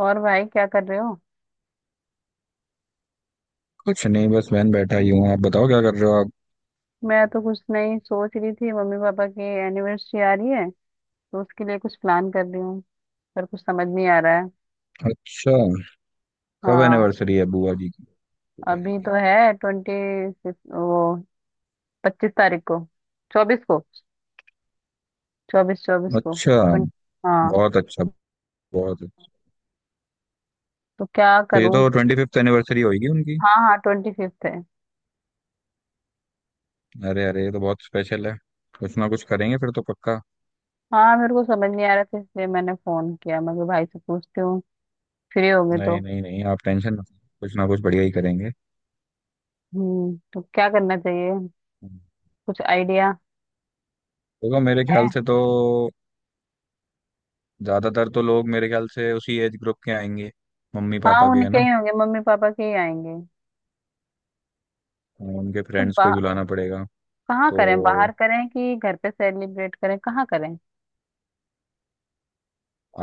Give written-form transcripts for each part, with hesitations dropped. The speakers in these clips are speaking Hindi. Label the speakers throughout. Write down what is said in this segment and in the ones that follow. Speaker 1: और भाई क्या कर रहे हो?
Speaker 2: कुछ नहीं, बस बहन बैठा ही हूँ। आप बताओ क्या कर रहे हो आप।
Speaker 1: मैं तो कुछ नहीं सोच रही थी। मम्मी पापा की एनिवर्सरी आ रही है, तो उसके लिए कुछ प्लान कर रही हूँ, पर कुछ समझ नहीं आ रहा है।
Speaker 2: अच्छा, कब
Speaker 1: हाँ,
Speaker 2: एनिवर्सरी है बुआ जी की? बुआ जी
Speaker 1: अभी
Speaker 2: की
Speaker 1: तो है ट्वेंटी सिक्स, वो 25 तारीख को, 24 को, चौबीस चौबीस को
Speaker 2: अच्छा।
Speaker 1: 20। हाँ,
Speaker 2: बहुत अच्छा। बहुत अच्छा।
Speaker 1: तो क्या
Speaker 2: तो ये
Speaker 1: करूँ।
Speaker 2: तो ट्वेंटी फिफ्थ एनिवर्सरी होगी उनकी।
Speaker 1: हाँ हाँ, ट्वेंटी फिफ्थ है।
Speaker 2: अरे अरे, ये तो बहुत स्पेशल है। कुछ ना कुछ करेंगे फिर तो पक्का।
Speaker 1: हाँ, मेरे को समझ नहीं आ रहा था, इसलिए मैंने फोन किया। मैं कहा, भाई से पूछती हूँ, फ्री होंगे तो।
Speaker 2: नहीं नहीं नहीं, आप टेंशन मत लो, कुछ ना कुछ बढ़िया ही करेंगे।
Speaker 1: तो क्या करना चाहिए, कुछ आइडिया
Speaker 2: देखो मेरे
Speaker 1: है।
Speaker 2: ख्याल से तो ज्यादातर तो लोग मेरे ख्याल से उसी एज ग्रुप के आएंगे, मम्मी
Speaker 1: हाँ,
Speaker 2: पापा के है
Speaker 1: उनके
Speaker 2: ना।
Speaker 1: ही होंगे, मम्मी पापा के ही आएंगे।
Speaker 2: उनके
Speaker 1: तो
Speaker 2: फ्रेंड्स को ही बुलाना पड़ेगा।
Speaker 1: कहाँ
Speaker 2: तो
Speaker 1: करें? बाहर करें कि घर पे सेलिब्रेट करें? कहाँ करें?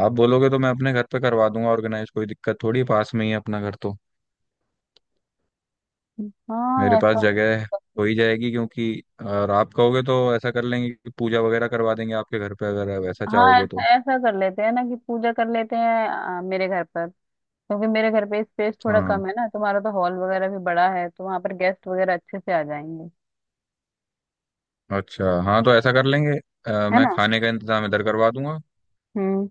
Speaker 2: आप बोलोगे तो मैं अपने घर पे करवा दूंगा ऑर्गेनाइज। कोई दिक्कत थोड़ी, पास में ही है अपना घर तो। मेरे
Speaker 1: हाँ
Speaker 2: पास
Speaker 1: ऐसा।
Speaker 2: जगह है, हो ही जाएगी। क्योंकि और आप कहोगे तो ऐसा कर लेंगे कि पूजा वगैरह करवा देंगे आपके घर पे, अगर वैसा
Speaker 1: हाँ,
Speaker 2: चाहोगे
Speaker 1: ऐसा
Speaker 2: तो।
Speaker 1: ऐसा कर लेते हैं ना कि पूजा कर लेते हैं, मेरे घर पर। क्योंकि मेरे घर पे स्पेस थोड़ा
Speaker 2: हाँ,
Speaker 1: कम है ना, तुम्हारा तो हॉल वगैरह भी बड़ा है, तो वहां पर गेस्ट वगैरह अच्छे से आ जाएंगे,
Speaker 2: अच्छा, हाँ तो ऐसा कर लेंगे।
Speaker 1: है
Speaker 2: मैं
Speaker 1: ना।
Speaker 2: खाने का इंतजाम इधर करवा दूंगा।
Speaker 1: हम्म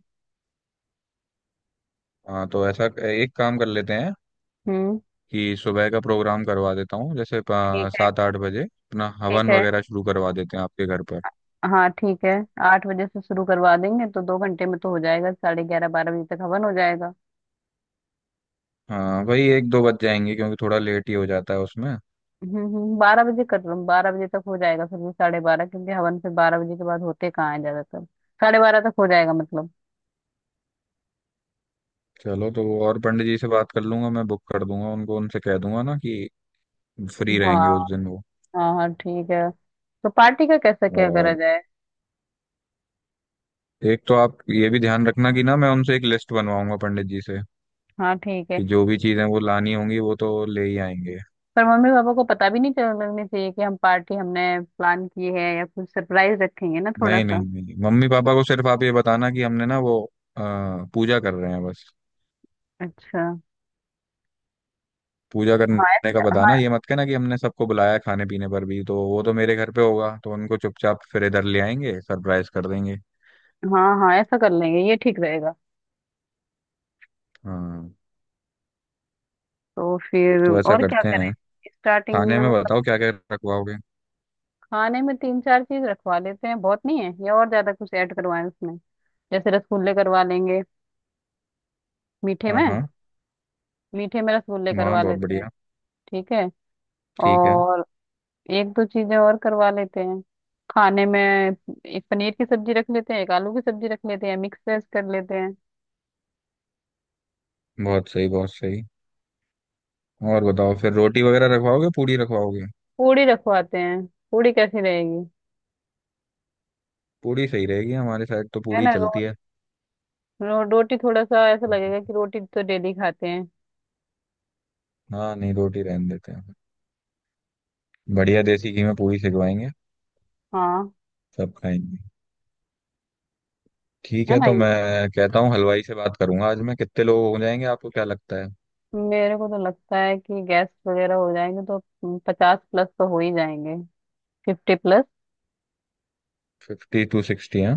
Speaker 2: हाँ तो ऐसा एक काम कर लेते हैं
Speaker 1: हम्म।
Speaker 2: कि सुबह का प्रोग्राम करवा देता हूँ, जैसे
Speaker 1: ठीक है,
Speaker 2: सात आठ बजे अपना
Speaker 1: ठीक
Speaker 2: हवन
Speaker 1: है,
Speaker 2: वगैरह शुरू करवा देते हैं आपके घर पर।
Speaker 1: हाँ ठीक है। 8 बजे से शुरू करवा देंगे तो 2 घंटे में तो हो जाएगा, साढ़े ग्यारह 12 बजे तक हवन हो जाएगा।
Speaker 2: हाँ, वही एक दो बज जाएंगे क्योंकि थोड़ा लेट ही हो जाता है उसमें।
Speaker 1: 12 बजे कर लो, 12 बजे तक हो जाएगा फिर भी, साढ़े बारह, क्योंकि हवन फिर 12 बजे के बाद होते कहाँ है ज्यादातर। साढ़े बारह तक हो जाएगा मतलब।
Speaker 2: चलो तो वो और पंडित जी से बात कर लूंगा मैं, बुक कर दूंगा उनको, उनसे कह दूंगा ना कि फ्री
Speaker 1: हाँ
Speaker 2: रहेंगे उस दिन वो।
Speaker 1: हाँ हाँ, ठीक है। तो पार्टी का कैसा क्या करा
Speaker 2: और
Speaker 1: जाए?
Speaker 2: एक तो आप ये भी ध्यान रखना कि ना, मैं उनसे एक लिस्ट बनवाऊंगा पंडित जी से
Speaker 1: हाँ ठीक है।
Speaker 2: कि जो भी चीजें वो लानी होंगी वो तो ले ही आएंगे।
Speaker 1: पर मम्मी पापा को पता भी नहीं चल लगनी चाहिए कि हम पार्टी हमने प्लान की है, या कुछ सरप्राइज रखेंगे ना थोड़ा
Speaker 2: नहीं नहीं
Speaker 1: सा।
Speaker 2: नहीं, मम्मी पापा को सिर्फ आप ये बताना कि हमने ना वो अ, पूजा कर रहे हैं बस।
Speaker 1: अच्छा,
Speaker 2: पूजा
Speaker 1: हाँ
Speaker 2: करने का
Speaker 1: ऐसा। हाँ
Speaker 2: बताना, ये मत कहना कि हमने सबको बुलाया है खाने पीने पर, भी तो वो तो मेरे घर पे होगा तो उनको चुपचाप फिर इधर ले आएंगे, सरप्राइज कर देंगे।
Speaker 1: हाँ हाँ, ऐसा कर लेंगे, ये ठीक रहेगा।
Speaker 2: हाँ
Speaker 1: तो फिर
Speaker 2: तो ऐसा
Speaker 1: और क्या
Speaker 2: करते
Speaker 1: करें,
Speaker 2: हैं।
Speaker 1: स्टार्टिंग
Speaker 2: खाने
Speaker 1: में
Speaker 2: में
Speaker 1: मतलब।
Speaker 2: बताओ क्या क्या रखवाओगे।
Speaker 1: खाने में तीन चार चीज रखवा लेते हैं, बहुत नहीं है या और ज्यादा कुछ ऐड करवाएं उसमें? जैसे रसगुल्ले करवा लेंगे, मीठे
Speaker 2: हाँ
Speaker 1: में।
Speaker 2: हाँ,
Speaker 1: मीठे में रसगुल्ले
Speaker 2: वाह
Speaker 1: करवा
Speaker 2: बहुत
Speaker 1: लेते हैं,
Speaker 2: बढ़िया।
Speaker 1: ठीक है।
Speaker 2: ठीक है।
Speaker 1: और एक दो चीजें और करवा लेते हैं। खाने में एक पनीर की सब्जी रख लेते हैं, एक आलू की सब्जी रख लेते हैं, मिक्स वेज कर लेते हैं।
Speaker 2: बहुत सही बहुत सही। और बताओ फिर रोटी वगैरह रखवाओगे, पूड़ी रखवाओगे?
Speaker 1: पूड़ी रखवाते हैं, पूड़ी कैसी रहेगी?
Speaker 2: पूड़ी सही रहेगी, हमारे साइड तो
Speaker 1: है
Speaker 2: पूड़ी
Speaker 1: ना, रो,
Speaker 2: चलती है।
Speaker 1: रो, रोटी थोड़ा सा ऐसा लगेगा कि रोटी तो डेली खाते हैं।
Speaker 2: हाँ, नहीं, रोटी रहने देते हैं। बढ़िया देसी घी में पूड़ी सिखवाएंगे,
Speaker 1: हाँ,
Speaker 2: सब खाएंगे। ठीक
Speaker 1: है
Speaker 2: है
Speaker 1: ना।
Speaker 2: तो मैं कहता हूँ हलवाई से बात करूंगा आज मैं। कितने लोग हो जाएंगे, आपको क्या लगता है?
Speaker 1: मेरे को तो लगता है कि गैस वगैरह हो जाएंगे तो 50 प्लस तो हो ही जाएंगे। Fifty plus.
Speaker 2: Fifty to sixty है।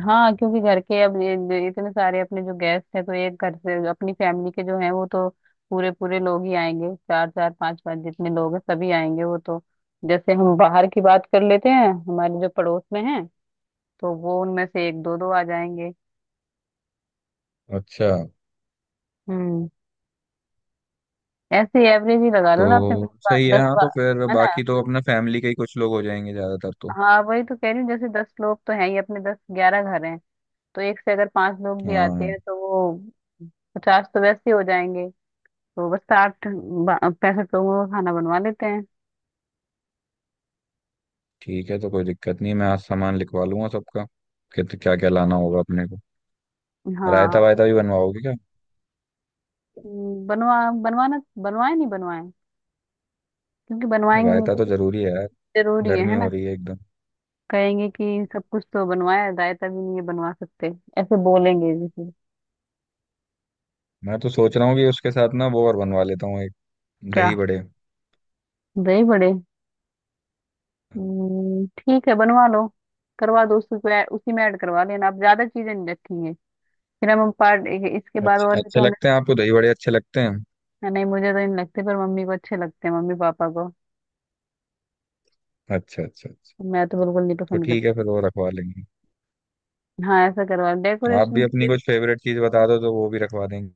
Speaker 1: हाँ, क्योंकि घर के अब ये इतने सारे अपने जो गेस्ट हैं, तो एक घर से जो अपनी फैमिली के जो हैं वो तो पूरे पूरे लोग ही आएंगे, चार चार पांच पांच जितने लोग हैं सभी आएंगे वो तो। जैसे हम बाहर की बात कर लेते हैं, हमारे जो पड़ोस में हैं तो वो उनमें से एक दो दो आ जाएंगे।
Speaker 2: अच्छा,
Speaker 1: हम्म ऐसे एवरेज ही लगा लो ना अपने
Speaker 2: तो सही है। हाँ तो फिर
Speaker 1: है ना।
Speaker 2: बाकी तो अपने फैमिली के ही कुछ लोग हो जाएंगे ज्यादातर तो।
Speaker 1: हाँ वही तो कह रही हूँ, जैसे दस लोग तो हैं ही, अपने दस ग्यारह घर हैं, तो एक से अगर पांच लोग भी आते
Speaker 2: हाँ
Speaker 1: हैं तो वो 50 तो वैसे ही हो जाएंगे। तो बस 65 लोगों का खाना बनवा लेते हैं।
Speaker 2: ठीक है, तो कोई दिक्कत नहीं है। मैं आज सामान लिखवा लूंगा सबका, कित क्या क्या लाना होगा अपने को।
Speaker 1: हाँ।
Speaker 2: रायता वायता भी बनवाओगे क्या?
Speaker 1: हम्म, बनवा बनवाना, बनवाए नहीं बनवाए, क्योंकि बनवाएंगे नहीं
Speaker 2: रायता
Speaker 1: तो
Speaker 2: तो
Speaker 1: कुछ।
Speaker 2: जरूरी है यार,
Speaker 1: जरूरी है
Speaker 2: गर्मी
Speaker 1: है
Speaker 2: हो
Speaker 1: ना।
Speaker 2: रही है एकदम।
Speaker 1: कहेंगे कि सब कुछ तो बनवाया, रायता भी नहीं है बनवा सकते। ऐसे बोलेंगे जैसे।
Speaker 2: मैं तो सोच रहा हूँ कि उसके साथ ना वो और बनवा लेता हूँ एक,
Speaker 1: क्या?
Speaker 2: दही बड़े।
Speaker 1: दही बड़े। ठीक है, बनवा लो। करवा दो, उसी को उसी में ऐड करवा लेना। आप ज्यादा चीजें नहीं रखेंगे, फिर हम पार्ट, इसके बाद
Speaker 2: अच्छे
Speaker 1: और भी
Speaker 2: अच्छे
Speaker 1: तो हमें।
Speaker 2: लगते हैं आपको दही बड़े अच्छे लगते हैं?
Speaker 1: नहीं, मुझे तो नहीं लगते, पर मम्मी को अच्छे लगते हैं, मम्मी पापा को।
Speaker 2: अच्छा अच्छा अच्छा।
Speaker 1: मैं तो बिल्कुल नहीं
Speaker 2: तो
Speaker 1: पसंद
Speaker 2: ठीक है
Speaker 1: करती।
Speaker 2: फिर, वो रखवा लेंगे।
Speaker 1: हाँ ऐसा करवा
Speaker 2: आप भी
Speaker 1: डेकोरेशन।
Speaker 2: अपनी कुछ फेवरेट चीज बता दो तो वो भी रखवा देंगे।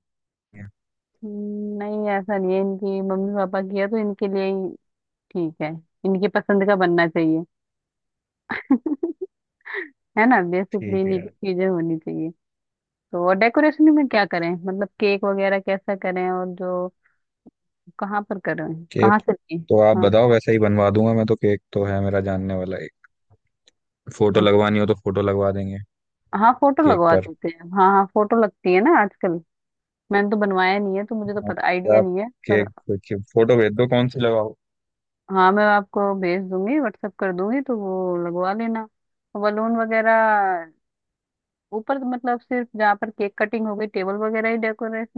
Speaker 1: नहीं ऐसा नहीं है, इनकी मम्मी पापा किया तो इनके लिए ही, ठीक है, इनकी पसंद का बनना चाहिए। है ना, बेसिकली
Speaker 2: ठीक है
Speaker 1: इन्हीं की
Speaker 2: यार।
Speaker 1: चीजें होनी चाहिए। तो और डेकोरेशन में क्या करें, मतलब केक वगैरह कैसा करें, और जो कहाँ पर करें,
Speaker 2: केक
Speaker 1: कहाँ से लें?
Speaker 2: तो आप
Speaker 1: हाँ।
Speaker 2: बताओ, वैसे ही बनवा दूंगा मैं तो। केक तो है मेरा जानने वाला एक। फोटो
Speaker 1: अच्छा,
Speaker 2: लगवानी हो तो फोटो लगवा देंगे
Speaker 1: हाँ फोटो
Speaker 2: केक
Speaker 1: लगवा
Speaker 2: पर।
Speaker 1: देते हैं। हाँ हाँ, फोटो लगती है ना आजकल। मैंने तो बनवाया नहीं है, तो मुझे तो
Speaker 2: हाँ,
Speaker 1: पता
Speaker 2: तो
Speaker 1: आइडिया
Speaker 2: आप
Speaker 1: नहीं है पर।
Speaker 2: केक देखिए, फोटो भेज दो कौन सी लगाओ।
Speaker 1: हाँ मैं आपको भेज दूंगी, व्हाट्सएप कर दूंगी, तो वो लगवा लेना। बलून वगैरह ऊपर, मतलब सिर्फ जहाँ पर केक कटिंग हो, गई टेबल वगैरह ही डेकोरेट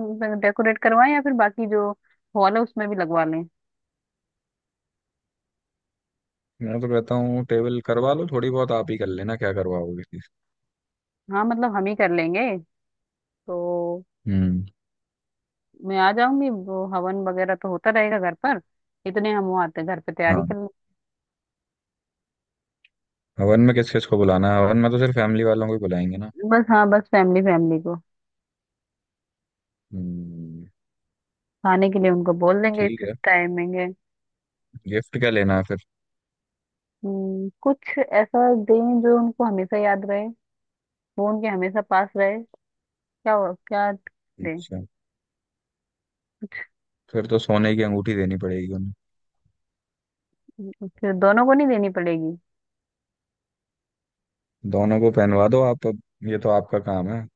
Speaker 1: डेकोरेट करवाएं, या फिर बाकी जो हॉल है उसमें भी लगवा लें।
Speaker 2: मैं तो कहता हूँ टेबल करवा लो थोड़ी बहुत आप ही, कर लेना क्या करवाओगे किसी
Speaker 1: हाँ, मतलब हम ही कर लेंगे तो।
Speaker 2: से। हम्म,
Speaker 1: मैं आ जाऊंगी, वो हवन वगैरह तो होता रहेगा घर पर, इतने हम वो आते हैं घर पे, तैयारी
Speaker 2: हाँ।
Speaker 1: कर लें।
Speaker 2: हवन में किस किस को बुलाना है? हवन में तो सिर्फ फैमिली वालों को ही बुलाएंगे ना।
Speaker 1: बस। हाँ बस, फैमिली फैमिली को।
Speaker 2: हम्म,
Speaker 1: खाने के लिए उनको बोल देंगे,
Speaker 2: ठीक
Speaker 1: इस
Speaker 2: है।
Speaker 1: टाइमिंग है।
Speaker 2: गिफ्ट क्या लेना है फिर?
Speaker 1: कुछ ऐसा दें जो उनको हमेशा याद रहे, वो उनके हमेशा पास रहे। क्या क्या दें?
Speaker 2: अच्छा, फिर तो सोने की अंगूठी देनी पड़ेगी उन्हें।
Speaker 1: फिर दोनों को नहीं देनी पड़ेगी?
Speaker 2: दोनों को पहनवा दो आप अब, ये तो आपका काम है।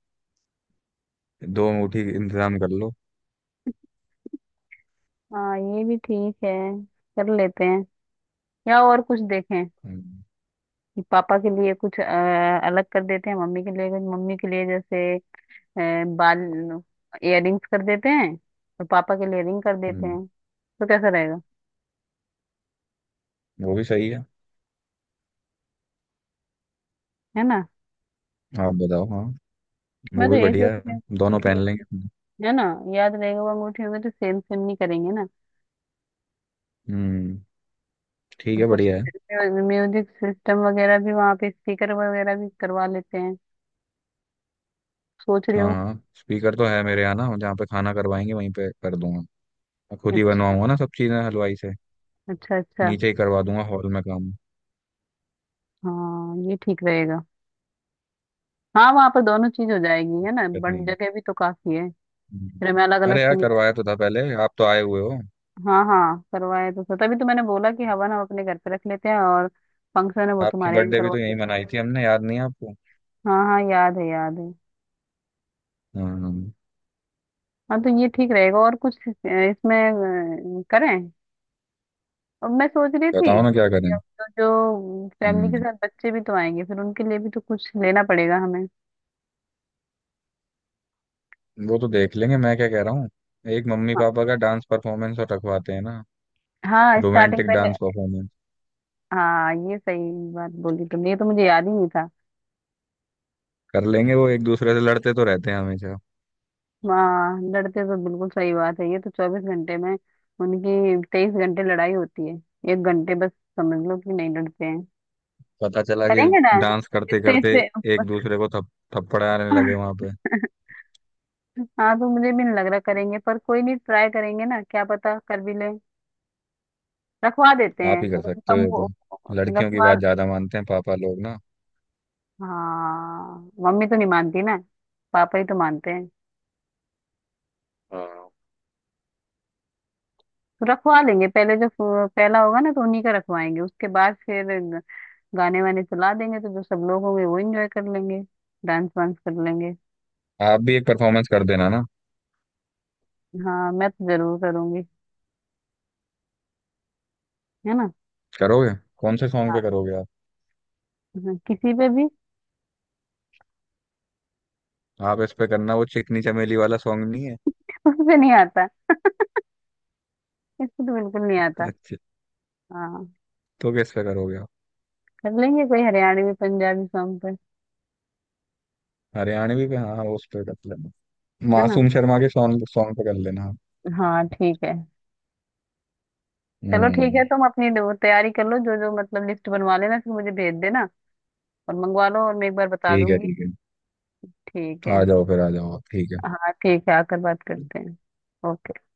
Speaker 2: दो अंगूठी इंतजाम कर लो।
Speaker 1: हाँ ये भी ठीक है, कर लेते हैं। या और कुछ देखें
Speaker 2: हम्म
Speaker 1: कि पापा के लिए कुछ अलग कर देते हैं, मम्मी के लिए कुछ, मम्मी के लिए जैसे अ, बाल इयररिंग्स कर देते हैं, और पापा के लिए रिंग कर देते
Speaker 2: हम्म,
Speaker 1: हैं, तो कैसा रहेगा,
Speaker 2: वो भी सही है।
Speaker 1: है ना।
Speaker 2: आप बताओ, हाँ,
Speaker 1: मैं
Speaker 2: वो
Speaker 1: तो
Speaker 2: भी
Speaker 1: यही सोच
Speaker 2: बढ़िया
Speaker 1: रही
Speaker 2: है,
Speaker 1: हूँ
Speaker 2: दोनों
Speaker 1: कि,
Speaker 2: पहन लेंगे।
Speaker 1: है ना, याद रहेगा, वो अंगूठी होगी तो सेम सेम नहीं करेंगे ना।
Speaker 2: हम्म, ठीक
Speaker 1: और
Speaker 2: है,
Speaker 1: कुछ
Speaker 2: बढ़िया है।
Speaker 1: म्यूजिक सिस्टम वगैरह भी वहाँ पे, स्पीकर वगैरह भी करवा लेते हैं, सोच रही
Speaker 2: हाँ
Speaker 1: हूँ।
Speaker 2: हाँ, स्पीकर तो है मेरे यहाँ ना, जहाँ पे खाना करवाएंगे वहीं पे कर दूंगा। मैं खुद ही
Speaker 1: अच्छा
Speaker 2: बनवाऊंगा ना सब चीज़ें हलवाई से।
Speaker 1: अच्छा अच्छा।
Speaker 2: नीचे ही करवा दूंगा हॉल में काम,
Speaker 1: हाँ ये ठीक रहेगा। हाँ, वहां पर दोनों चीज हो जाएगी
Speaker 2: कोई
Speaker 1: है ना,
Speaker 2: दिक्कत नहीं
Speaker 1: बट
Speaker 2: है।
Speaker 1: जगह भी तो काफी है।
Speaker 2: हम्म।
Speaker 1: फिर हमें अलग अलग
Speaker 2: अरे
Speaker 1: से
Speaker 2: यार,
Speaker 1: नहीं करना।
Speaker 2: करवाया तो था पहले, आप तो आए हुए हो।
Speaker 1: हाँ हाँ, करवाए तो सर, तभी तो मैंने बोला कि हवन हम अपने घर पे रख लेते हैं, और फंक्शन है वो
Speaker 2: आपकी
Speaker 1: तुम्हारे यहाँ
Speaker 2: बर्थडे भी
Speaker 1: करवा
Speaker 2: तो
Speaker 1: दे।
Speaker 2: यहीं मनाई थी हमने, याद नहीं है आपको?
Speaker 1: हाँ हाँ, याद है, याद है।
Speaker 2: हाँ हाँ।
Speaker 1: हाँ तो ये ठीक रहेगा। और कुछ इसमें करें? और मैं सोच रही थी
Speaker 2: बताओ ना क्या
Speaker 1: कि
Speaker 2: करें।
Speaker 1: अब तो जो फैमिली के
Speaker 2: हम्म,
Speaker 1: साथ बच्चे भी तो आएंगे, फिर उनके लिए भी तो कुछ लेना पड़ेगा हमें।
Speaker 2: वो तो देख लेंगे। मैं क्या कह रहा हूँ, एक मम्मी
Speaker 1: हाँ,
Speaker 2: पापा का डांस परफॉर्मेंस और रखवाते हैं ना।
Speaker 1: हाँ स्टार्टिंग
Speaker 2: रोमांटिक
Speaker 1: पहले।
Speaker 2: डांस परफॉर्मेंस
Speaker 1: हाँ ये सही बात बोली तुमने, ये तो मुझे याद ही नहीं था।
Speaker 2: कर लेंगे वो, एक दूसरे से लड़ते तो रहते हैं हमेशा।
Speaker 1: हाँ, लड़ते तो बिल्कुल सही बात है, ये तो 24 घंटे में उनकी 23 घंटे लड़ाई होती है, 1 घंटे बस समझ लो कि नहीं लड़ते हैं।
Speaker 2: पता चला कि
Speaker 1: करेंगे ना,
Speaker 2: डांस करते
Speaker 1: स्टेज
Speaker 2: करते
Speaker 1: पे।
Speaker 2: एक दूसरे को थप थप्पड़ाने लगे वहां पे।
Speaker 1: हाँ तो मुझे भी नहीं लग रहा करेंगे, पर कोई नहीं, ट्राई करेंगे ना, क्या पता कर भी ले। रखवा देते हैं,
Speaker 2: आप ही कर
Speaker 1: अगर
Speaker 2: सकते हो
Speaker 1: कम
Speaker 2: ये तो,
Speaker 1: हो।
Speaker 2: लड़कियों की
Speaker 1: रखवा।
Speaker 2: बात ज्यादा मानते हैं पापा लोग ना।
Speaker 1: हाँ, मम्मी तो नहीं मानती ना, पापा ही तो मानते हैं।
Speaker 2: हाँ,
Speaker 1: रखवा लेंगे पहले, जो पहला होगा ना तो उन्हीं का रखवाएंगे, उसके बाद फिर गाने वाने चला देंगे, तो जो सब लोग होंगे वो एंजॉय कर लेंगे, डांस वांस कर लेंगे।
Speaker 2: आप भी एक परफॉर्मेंस कर देना ना।
Speaker 1: हाँ मैं तो जरूर करूंगी, है ना।
Speaker 2: करोगे? कौन से सॉन्ग
Speaker 1: हाँ
Speaker 2: पे करोगे आप?
Speaker 1: हाँ, किसी पे भी।
Speaker 2: आप इस पे करना, वो चिकनी चमेली वाला सॉन्ग नहीं है।
Speaker 1: उससे नहीं आता, इसको तो बिल्कुल नहीं आता।
Speaker 2: अच्छा,
Speaker 1: हाँ,
Speaker 2: तो किस पे करोगे आप?
Speaker 1: कर लेंगे कोई हरियाणवी पंजाबी सॉन्ग पे।
Speaker 2: हरियाणवी पे, हाँ वो उस पे कर लेना।
Speaker 1: है ना।
Speaker 2: मासूम शर्मा के सॉन्ग सॉन्ग पे कर लेना आप।
Speaker 1: हाँ ठीक है। चलो ठीक
Speaker 2: हम्म,
Speaker 1: है, तुम अपनी वो तैयारी कर लो, जो जो मतलब लिस्ट बनवा लेना फिर मुझे भेज देना, और मंगवा लो और मैं एक बार बता
Speaker 2: ठीक है।
Speaker 1: दूंगी।
Speaker 2: ठीक
Speaker 1: ठीक
Speaker 2: है,
Speaker 1: है।
Speaker 2: आ जाओ फिर, आ जाओ आप। ठीक है।
Speaker 1: हाँ ठीक है, आकर बात करते हैं। ओके।